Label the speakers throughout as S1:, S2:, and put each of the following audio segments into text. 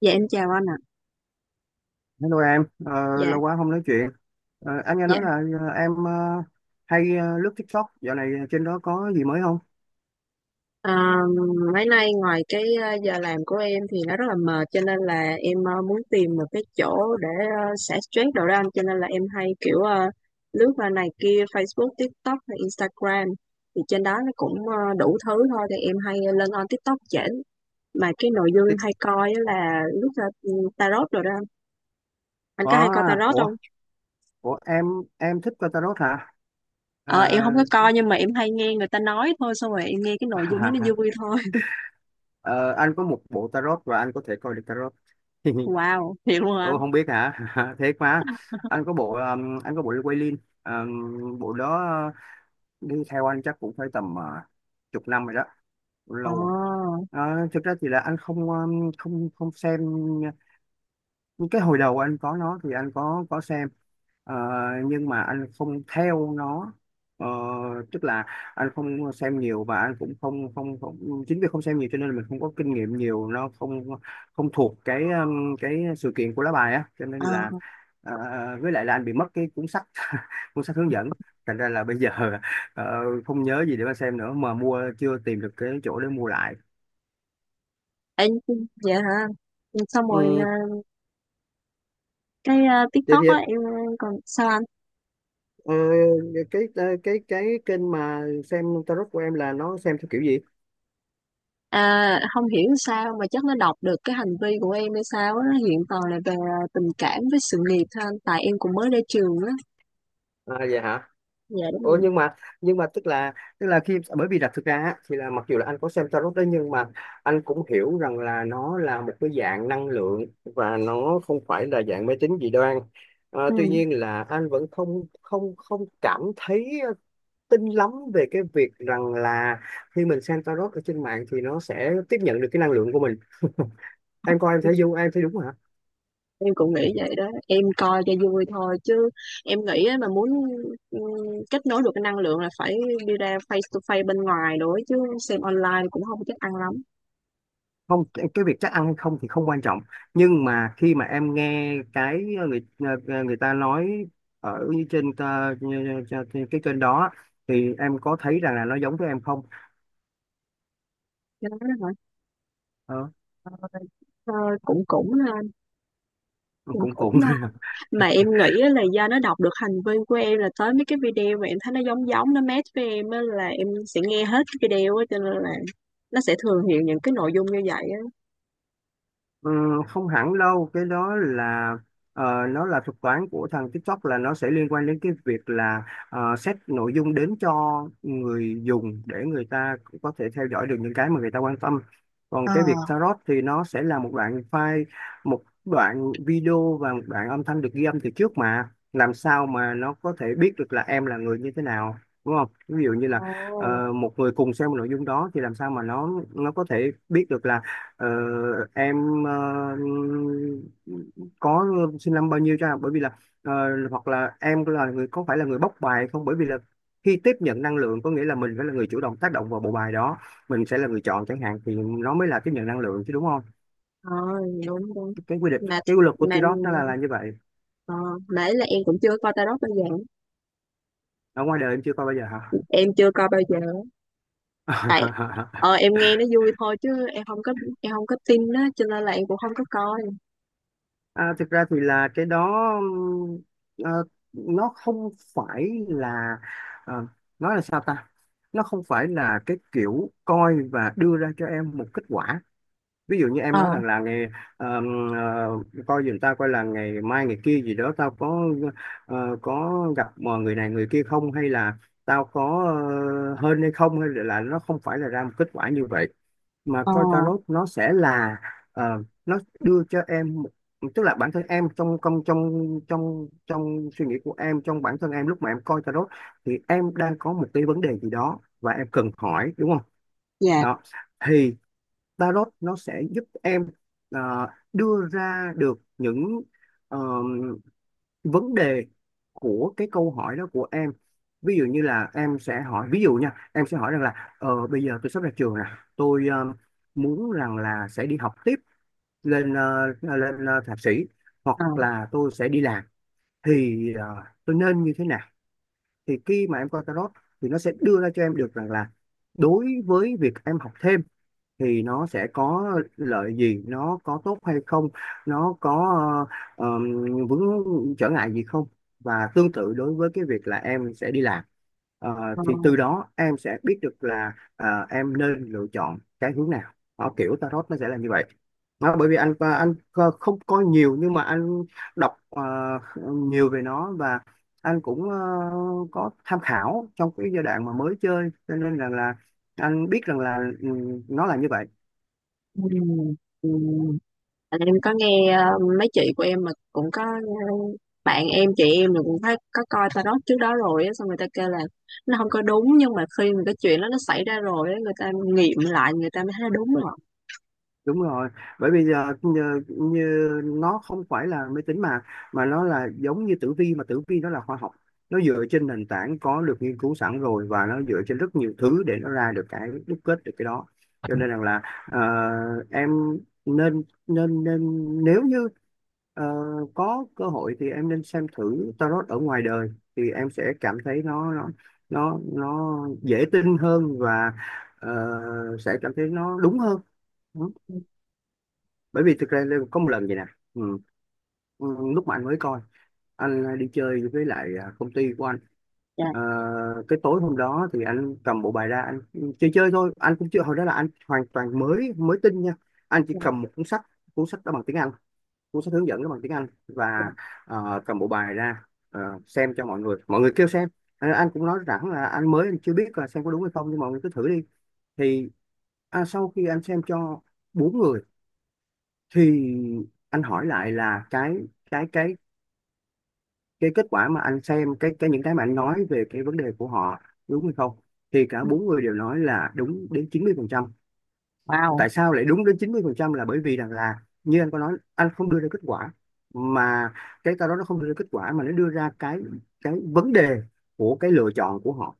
S1: Dạ em chào anh ạ.
S2: Hello em,
S1: Dạ,
S2: lâu quá không nói chuyện. Anh nghe
S1: dạ.
S2: nói là em hay lướt TikTok, dạo này trên đó có gì mới không?
S1: À, Mấy nay ngoài cái giờ làm của em thì nó rất là mệt cho nên là em muốn tìm một cái chỗ để xả stress đồ đó anh, cho nên là em hay kiểu lướt qua này kia Facebook, TikTok hay Instagram, thì trên đó nó cũng đủ thứ thôi, thì em hay lên on TikTok chỉnh, mà cái nội dung em hay
S2: Tik-
S1: coi á là lướt ra tarot rồi đó anh. Anh
S2: Có.
S1: có hay coi
S2: À,
S1: tarot không?
S2: ủa em thích coi tarot hả? À,
S1: Ờ, em không có coi nhưng mà em hay nghe người ta nói thôi, xong rồi em nghe cái nội dung đó nó vui thôi.
S2: ờ, anh có một bộ tarot và anh có thể coi được tarot.
S1: Wow, thiệt luôn hả
S2: Ồ,
S1: anh?
S2: không biết hả? Thế quá. Anh có bộ Wailing, bộ đó đi theo anh chắc cũng phải tầm chục năm rồi đó,
S1: Ờ,
S2: lâu rồi. Thực ra thì là anh không không không xem. Cái hồi đầu anh có nó thì anh có xem, Ờ, nhưng mà anh không theo nó. Ờ, Tức là anh không xem nhiều, và anh cũng không không, không chính vì không xem nhiều cho nên là mình không có kinh nghiệm nhiều, nó không không thuộc cái sự kiện của lá bài á, cho nên
S1: ờ,
S2: là ờ, với lại là anh bị mất cái cuốn sách. Cuốn sách hướng dẫn, thành ra là bây giờ ờ, không nhớ gì để mà xem nữa, mà mua chưa tìm được cái chỗ để mua lại.
S1: Ê, dạ hả? Xong rồi
S2: ừ,
S1: cái
S2: Thế
S1: TikTok
S2: thì
S1: á em còn sao anh?
S2: Ờ, cái kênh mà xem tarot của em là nó xem theo kiểu gì?
S1: À, không hiểu sao mà chắc nó đọc được cái hành vi của em hay sao á, nó hiện toàn là về tình cảm với sự nghiệp thôi anh, tại em cũng mới ra trường á.
S2: À vậy hả?
S1: Dạ đúng
S2: Ủa,
S1: rồi.
S2: nhưng mà tức là bởi vì là thực ra á, thì là mặc dù là anh có xem tarot đấy, nhưng mà anh cũng hiểu rằng là nó là một cái dạng năng lượng và nó không phải là dạng mê tín dị đoan.
S1: Ừ,
S2: Tuy nhiên là anh vẫn không không không cảm thấy tin lắm về cái việc rằng là khi mình xem tarot ở trên mạng thì nó sẽ tiếp nhận được cái năng lượng của mình. Em coi em thấy vô, em thấy đúng hả?
S1: em cũng nghĩ vậy đó, em coi cho vui thôi chứ em nghĩ á, mà muốn ừ, kết nối được cái năng lượng là phải đi ra face to face bên ngoài, nữa chứ xem online cũng không chắc ăn lắm.
S2: Không, cái việc chắc ăn hay không thì không quan trọng, nhưng mà khi mà em nghe cái người ta nói ở trên cái kênh đó thì em có thấy rằng là nó giống với em không?
S1: Cho nên đó hả?
S2: ờ,
S1: Ờ, ờ, cũng
S2: cũng cũng
S1: cũng non, mà em nghĩ á là do nó đọc được hành vi của em, là tới mấy cái video mà em thấy nó giống giống nó match với em á là em sẽ nghe hết cái video á, cho nên là nó sẽ thường hiện những cái nội dung như vậy á.
S2: Không hẳn đâu, cái đó là nó là thuật toán của thằng TikTok, là nó sẽ liên quan đến cái việc là set nội dung đến cho người dùng để người ta cũng có thể theo dõi được những cái mà người ta quan tâm. Còn
S1: Ờ,
S2: cái việc tarot thì nó sẽ là một đoạn file, một đoạn video và một đoạn âm thanh được ghi âm từ trước, mà làm sao mà nó có thể biết được là em là người như thế nào? Đúng không? Ví dụ như là
S1: Ồ,
S2: một người cùng xem một nội dung đó thì làm sao mà nó có thể biết được là Ờ, em có xin năm bao nhiêu cho, bởi vì là ờ, hoặc là em là người có phải là người bóc bài không, bởi vì là khi tiếp nhận năng lượng có nghĩa là mình phải là người chủ động tác động vào bộ bài đó, mình sẽ là người chọn chẳng hạn, thì nó mới là tiếp nhận năng lượng chứ, đúng không?
S1: oh, đúng đúng.
S2: cái quy định
S1: mà
S2: cái quy luật của
S1: mà
S2: Tirok nó là như vậy.
S1: ờ, mà ấy là em cũng chưa coi tarot bao giờ,
S2: Ở ngoài đời em chưa coi bao giờ
S1: em chưa coi bao giờ. Tại
S2: hả?
S1: em nghe nó vui thôi chứ em không có, em không có tin á, cho nên là em cũng không có coi.
S2: À, thực ra thì là cái đó ờ, nó không phải là, ờ, nói là sao ta, nó không phải là cái kiểu coi và đưa ra cho em một kết quả. Ví dụ như em
S1: Ờ,
S2: nói rằng là ờm, coi giùm tao coi là ngày mai ngày kia gì đó, tao có có gặp mà người này người kia không, hay là tao có hên hay không, hay là nó không phải là ra một kết quả như vậy, mà
S1: ờ,
S2: coi tarot nó sẽ là nó đưa cho em tức là bản thân em trong trong trong trong trong suy nghĩ của em, trong bản thân em lúc mà em coi tarot thì em đang có một cái vấn đề gì đó và em cần hỏi, đúng không?
S1: dạ,
S2: Đó, thì tarot nó sẽ giúp em ờ, đưa ra được những ờ, vấn đề của cái câu hỏi đó của em. Ví dụ như là em sẽ hỏi, ví dụ nha, em sẽ hỏi rằng là bây giờ tôi sắp ra trường nè, tôi muốn rằng là sẽ đi học tiếp lên thạc sĩ, hoặc
S1: ờ.
S2: là tôi sẽ đi làm, thì tôi nên như thế nào? Thì khi mà em coi tarot thì nó sẽ đưa ra cho em được rằng là đối với việc em học thêm thì nó sẽ có lợi gì, nó có tốt hay không, nó có ờ, ờm, vướng trở ngại gì không, và tương tự đối với cái việc là em sẽ đi làm.
S1: ờ
S2: Thì từ đó em sẽ biết được là à, em nên lựa chọn cái hướng nào. Đó, kiểu tarot nó sẽ là như vậy. Đó, bởi vì anh không coi nhiều nhưng mà anh đọc nhiều về nó, và anh cũng có tham khảo trong cái giai đoạn mà mới chơi, cho nên rằng là anh biết rằng là nó là như vậy.
S1: ừ, ừ. Tại em có nghe mấy chị của em mà cũng có bạn em chị em là cũng thấy có coi tarot trước đó rồi á, xong người ta kêu là nó không có đúng, nhưng mà khi mà cái chuyện đó nó xảy ra rồi á, người ta nghiệm lại người ta mới thấy đúng rồi.
S2: Đúng rồi, bởi bây giờ như nó không phải là máy tính, mà nó là giống như tử vi, mà tử vi nó là khoa học. Nó dựa trên nền tảng có được nghiên cứu sẵn rồi và nó dựa trên rất nhiều thứ để nó ra được cái, đúc kết được cái đó. Cho nên rằng là ờ, em nên nên nên nếu như ờ, có cơ hội thì em nên xem thử tarot ở ngoài đời, thì em sẽ cảm thấy nó nó dễ tin hơn, và ờ, sẽ cảm thấy nó đúng hơn. Bởi vì thực ra Lê có một lần vậy nè. ừ. ừ, Lúc mà anh mới coi, anh đi chơi với lại à, công ty của anh.
S1: Dạ.
S2: Ờ, cái tối hôm đó thì anh cầm bộ bài ra anh chơi chơi thôi, anh cũng chưa, hồi đó là anh hoàn toàn mới, mới tin nha. Anh chỉ
S1: Dạ.
S2: cầm một cuốn sách. Cuốn sách đó bằng tiếng Anh, cuốn sách hướng dẫn đó bằng tiếng Anh, và cầm bộ bài ra xem cho mọi người, mọi người kêu xem. Anh cũng nói rằng là anh mới, anh chưa biết là xem có đúng hay không, nhưng mọi người cứ thử đi. Thì à, sau khi anh xem cho bốn người thì anh hỏi lại là cái cái cái kết quả mà anh xem, cái những cái mà anh nói về cái vấn đề của họ đúng hay không, thì cả bốn người đều nói là đúng đến 90%.
S1: Wow.
S2: Tại sao lại đúng đến 90% là bởi vì rằng là như anh có nói, anh không đưa ra kết quả, mà cái đó nó không đưa ra kết quả, mà nó đưa ra cái vấn đề của cái lựa chọn của họ.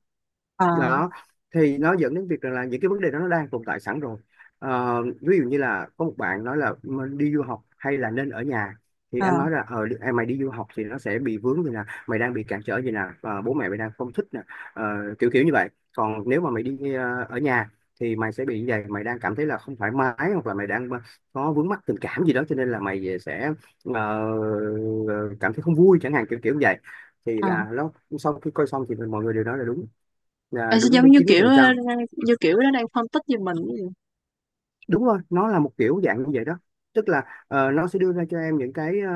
S1: Ờ,
S2: Đó, thì nó dẫn đến việc rằng là những cái vấn đề đó nó đang tồn tại sẵn rồi. Ví dụ như là có một bạn nói là "Mình đi du học hay là nên ở nhà", thì
S1: ờ,
S2: anh nói là mày đi du học thì nó sẽ bị vướng như nè, mày đang bị cản trở gì nè, và bố mẹ mày đang không thích nè. Ờ, Kiểu kiểu như vậy. Còn nếu mà mày đi ở nhà thì mày sẽ bị như vậy, mày đang cảm thấy là không thoải mái, hoặc là mày đang có vướng mắc tình cảm gì đó, cho nên là mày sẽ ờ, cảm thấy không vui chẳng hạn, kiểu kiểu như vậy. Thì
S1: ờ.
S2: là nó, sau khi coi xong thì mọi người đều nói là đúng, là
S1: Em sẽ
S2: đúng
S1: giống
S2: đến
S1: như
S2: chín mươi
S1: kiểu
S2: phần
S1: ờ,
S2: trăm.
S1: như kiểu nó đang phân tích về mình ấy.
S2: Đúng rồi, nó là một kiểu dạng như vậy đó. Tức là nó sẽ đưa ra cho em những cái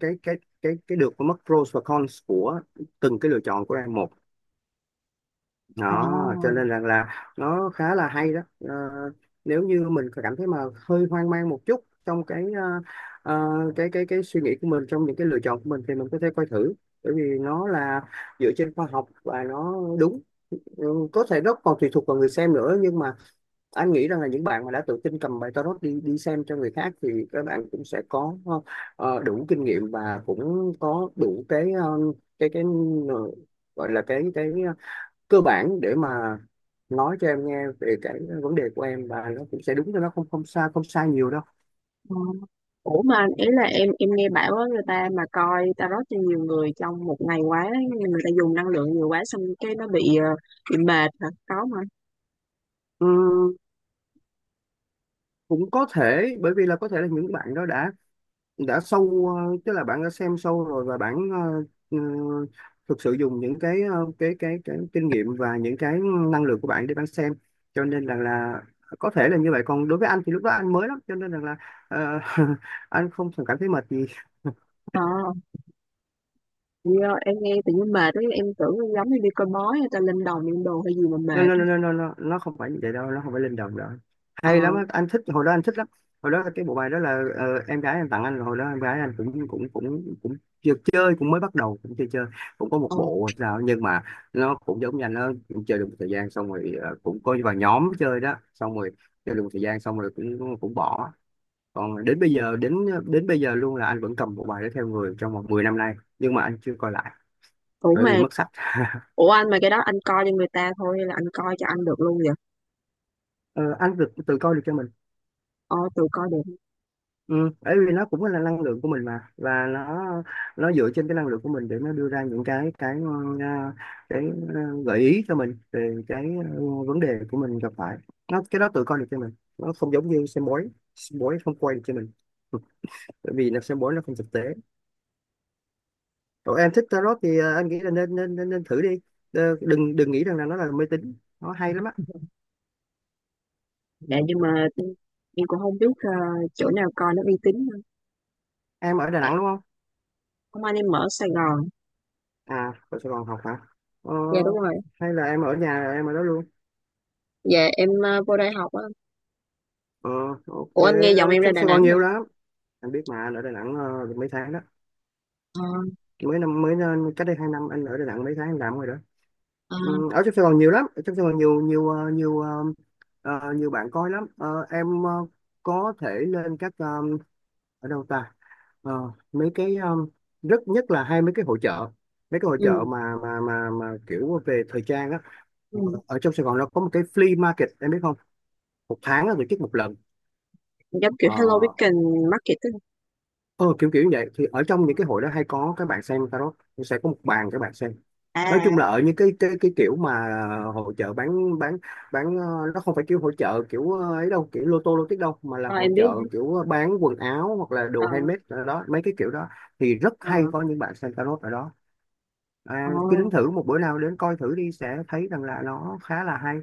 S2: cái cái cái được và mất, pros và cons của từng cái lựa chọn của em một. Đó, cho nên là nó khá là hay đó. Ờ, Nếu như mình cảm thấy mà hơi hoang mang một chút trong cái ờ, ờ, cái suy nghĩ của mình trong những cái lựa chọn của mình thì mình có thể coi thử, bởi vì nó là dựa trên khoa học và nó đúng. Ừ, có thể nó còn tùy thuộc vào người xem nữa, nhưng mà anh nghĩ rằng là những bạn mà đã tự tin cầm bài tarot đi đi xem cho người khác thì các bạn cũng sẽ có đủ kinh nghiệm và cũng có đủ cái ờ, gọi là cơ bản để mà nói cho em nghe về cái vấn đề của em, và nó cũng sẽ đúng cho, nó không không sai, không sai nhiều đâu.
S1: Ờ. Ủa mà ý là em nghe bảo á người ta mà coi tarot cho nhiều người trong một ngày quá, người ta dùng năng lượng nhiều quá, xong cái nó bị bị mệt hả có mà.
S2: Ừm, cũng có thể bởi vì là có thể là những bạn đó đã tức là bạn đã xem sâu rồi, và bạn ừ, thực sự dùng những cái kinh nghiệm và những cái năng lực của bạn để bạn xem, cho nên rằng là có thể là như vậy. Còn đối với anh thì lúc đó anh mới lắm, cho nên rằng là ờ, anh không cảm thấy mệt gì.
S1: Ờ. Do em nghe tự nhiên mệt ấy, em tưởng em giống như đi coi bói hay ta lên đồng lên đồ hay gì mà
S2: nó
S1: mệt
S2: nó
S1: á.
S2: nó nó nó nó không phải như vậy đâu, nó không phải linh động đâu,
S1: Ờ,
S2: hay lắm á. Anh thích, hồi đó anh thích lắm. Hồi đó cái bộ bài đó là em gái anh tặng anh. Hồi đó em gái anh cũng cũng cũng cũng chưa chơi, cũng mới bắt đầu, cũng chưa chơi, cũng có một
S1: ờ.
S2: bộ hay sao. Nhưng mà nó cũng giống như anh, nó cũng chơi được một thời gian, xong rồi cũng có vào nhóm chơi đó, xong rồi chơi được một thời gian xong rồi cũng cũng bỏ. Còn đến bây giờ đến đến bây giờ luôn là anh vẫn cầm bộ bài đó theo người trong vòng 10 năm nay, nhưng mà anh chưa coi lại
S1: Ủa
S2: bởi vì
S1: mà,
S2: mất sách.
S1: ủa anh mà cái đó anh coi cho người ta thôi hay là anh coi cho anh được luôn vậy?
S2: Ờ, anh từ từ coi được cho mình.
S1: Ờ, tự coi được.
S2: Ừ, bởi vì nó cũng là năng lượng của mình mà, và nó dựa trên cái năng lượng của mình để nó đưa ra những ờ, cái gợi ý cho mình về cái ờ, vấn đề của mình gặp phải. Nó, cái đó tự coi được cho mình, nó không giống như xem bói. Xem bói không quay được cho mình, bởi vì là xem bói nó không thực tế. Còn em thích tarot thì anh nghĩ là nên thử đi. Ờ, đừng đừng nghĩ rằng là nó là mê tín, nó hay lắm á.
S1: Dạ nhưng mà em cũng không biết chỗ nào coi nó uy tín hơn.
S2: Em ở Đà
S1: Tại
S2: Nẵng đúng không?
S1: Hôm anh em ở Sài Gòn.
S2: À, ở Sài Gòn học hả? ờ,
S1: Dạ đúng rồi.
S2: Hay là em ở nhà, em ở đó luôn?
S1: Dạ em vô đây học á.
S2: Ờ, ok,
S1: Ủa anh nghe giọng em ra
S2: trong
S1: Đà
S2: Sài
S1: Nẵng
S2: Gòn nhiều
S1: rồi.
S2: lắm, anh biết mà. Anh ở Đà Nẵng được mấy tháng đó,
S1: Ờ,
S2: mới cách đây 2 năm anh ở Đà Nẵng mấy tháng anh làm rồi đó.
S1: ờ,
S2: Ừ, ở trong Sài Gòn nhiều lắm, ở trong Sài Gòn nhiều nhiều ờ, ờ, nhiều bạn coi lắm. Ờ, em có thể lên các ở đâu ta, mấy cái rất nhất là hai mấy cái hội chợ, mấy cái hội
S1: ừ,
S2: chợ mà kiểu về thời trang á.
S1: ừ.
S2: Ờ, ở trong Sài Gòn nó có một cái flea market em biết không, một tháng nó tổ chức một lần.
S1: Giống kiểu
S2: Ờ,
S1: Hello Weekend Market á.
S2: Ờ, Kiểu kiểu như vậy thì ở trong
S1: Ờ,
S2: những cái hội đó hay có các bạn xem tarot, nó sẽ có một bàn các bạn xem.
S1: À,
S2: Nói
S1: à, à.
S2: chung là ở những cái kiểu mà hội chợ bán, nó không phải kiểu hội chợ kiểu ấy đâu, kiểu lô tô lô tích đâu, mà là
S1: Ờ,
S2: hội
S1: em biết.
S2: chợ
S1: Em biết.
S2: kiểu bán quần áo hoặc là đồ
S1: Ờ,
S2: handmade, ở đó mấy cái kiểu đó thì rất
S1: ờ,
S2: hay có những bạn xem tarot ở đó. À,
S1: ờ.
S2: cứ đến thử một bữa nào, đến coi thử đi, sẽ thấy rằng là nó khá là hay.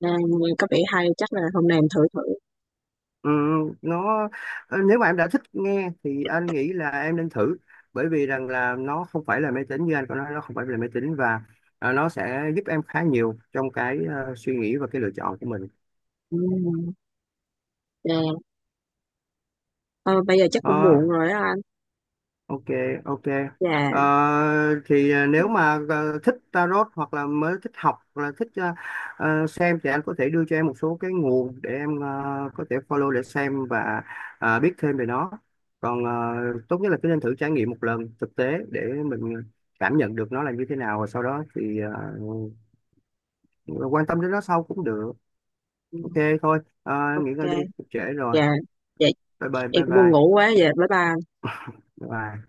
S1: À, nghe có vẻ hay, chắc là hôm nay em thử thử.
S2: Ừ, nó nếu mà em đã thích nghe thì anh nghĩ là em nên thử, bởi vì rằng là nó không phải là máy tính, như anh có nói, nó không phải là máy tính. Và à, nó sẽ giúp em khá nhiều trong cái suy nghĩ và cái lựa chọn của mình.
S1: Ừ. Dạ. Ờ, bây giờ chắc cũng
S2: Ờ,
S1: muộn rồi đó anh.
S2: ok, ok.
S1: Dạ
S2: Ờ, thì à, nếu mà thích tarot hoặc là mới thích học hoặc là thích xem thì anh có thể đưa cho em một số cái nguồn để em có thể follow để xem và à, biết thêm về nó. Còn tốt nhất là cứ nên thử trải nghiệm một lần thực tế để mình cảm nhận được nó là như thế nào, và sau đó thì quan tâm đến nó sau cũng được.
S1: ừ,
S2: Ok, thôi, Ờ, nghỉ ngơi
S1: ok.
S2: đi, cũng trễ rồi.
S1: Dạ. Dạ
S2: Bye bye,
S1: em
S2: bye
S1: cũng buồn
S2: bye,
S1: ngủ quá, dạ bye bye.
S2: bye.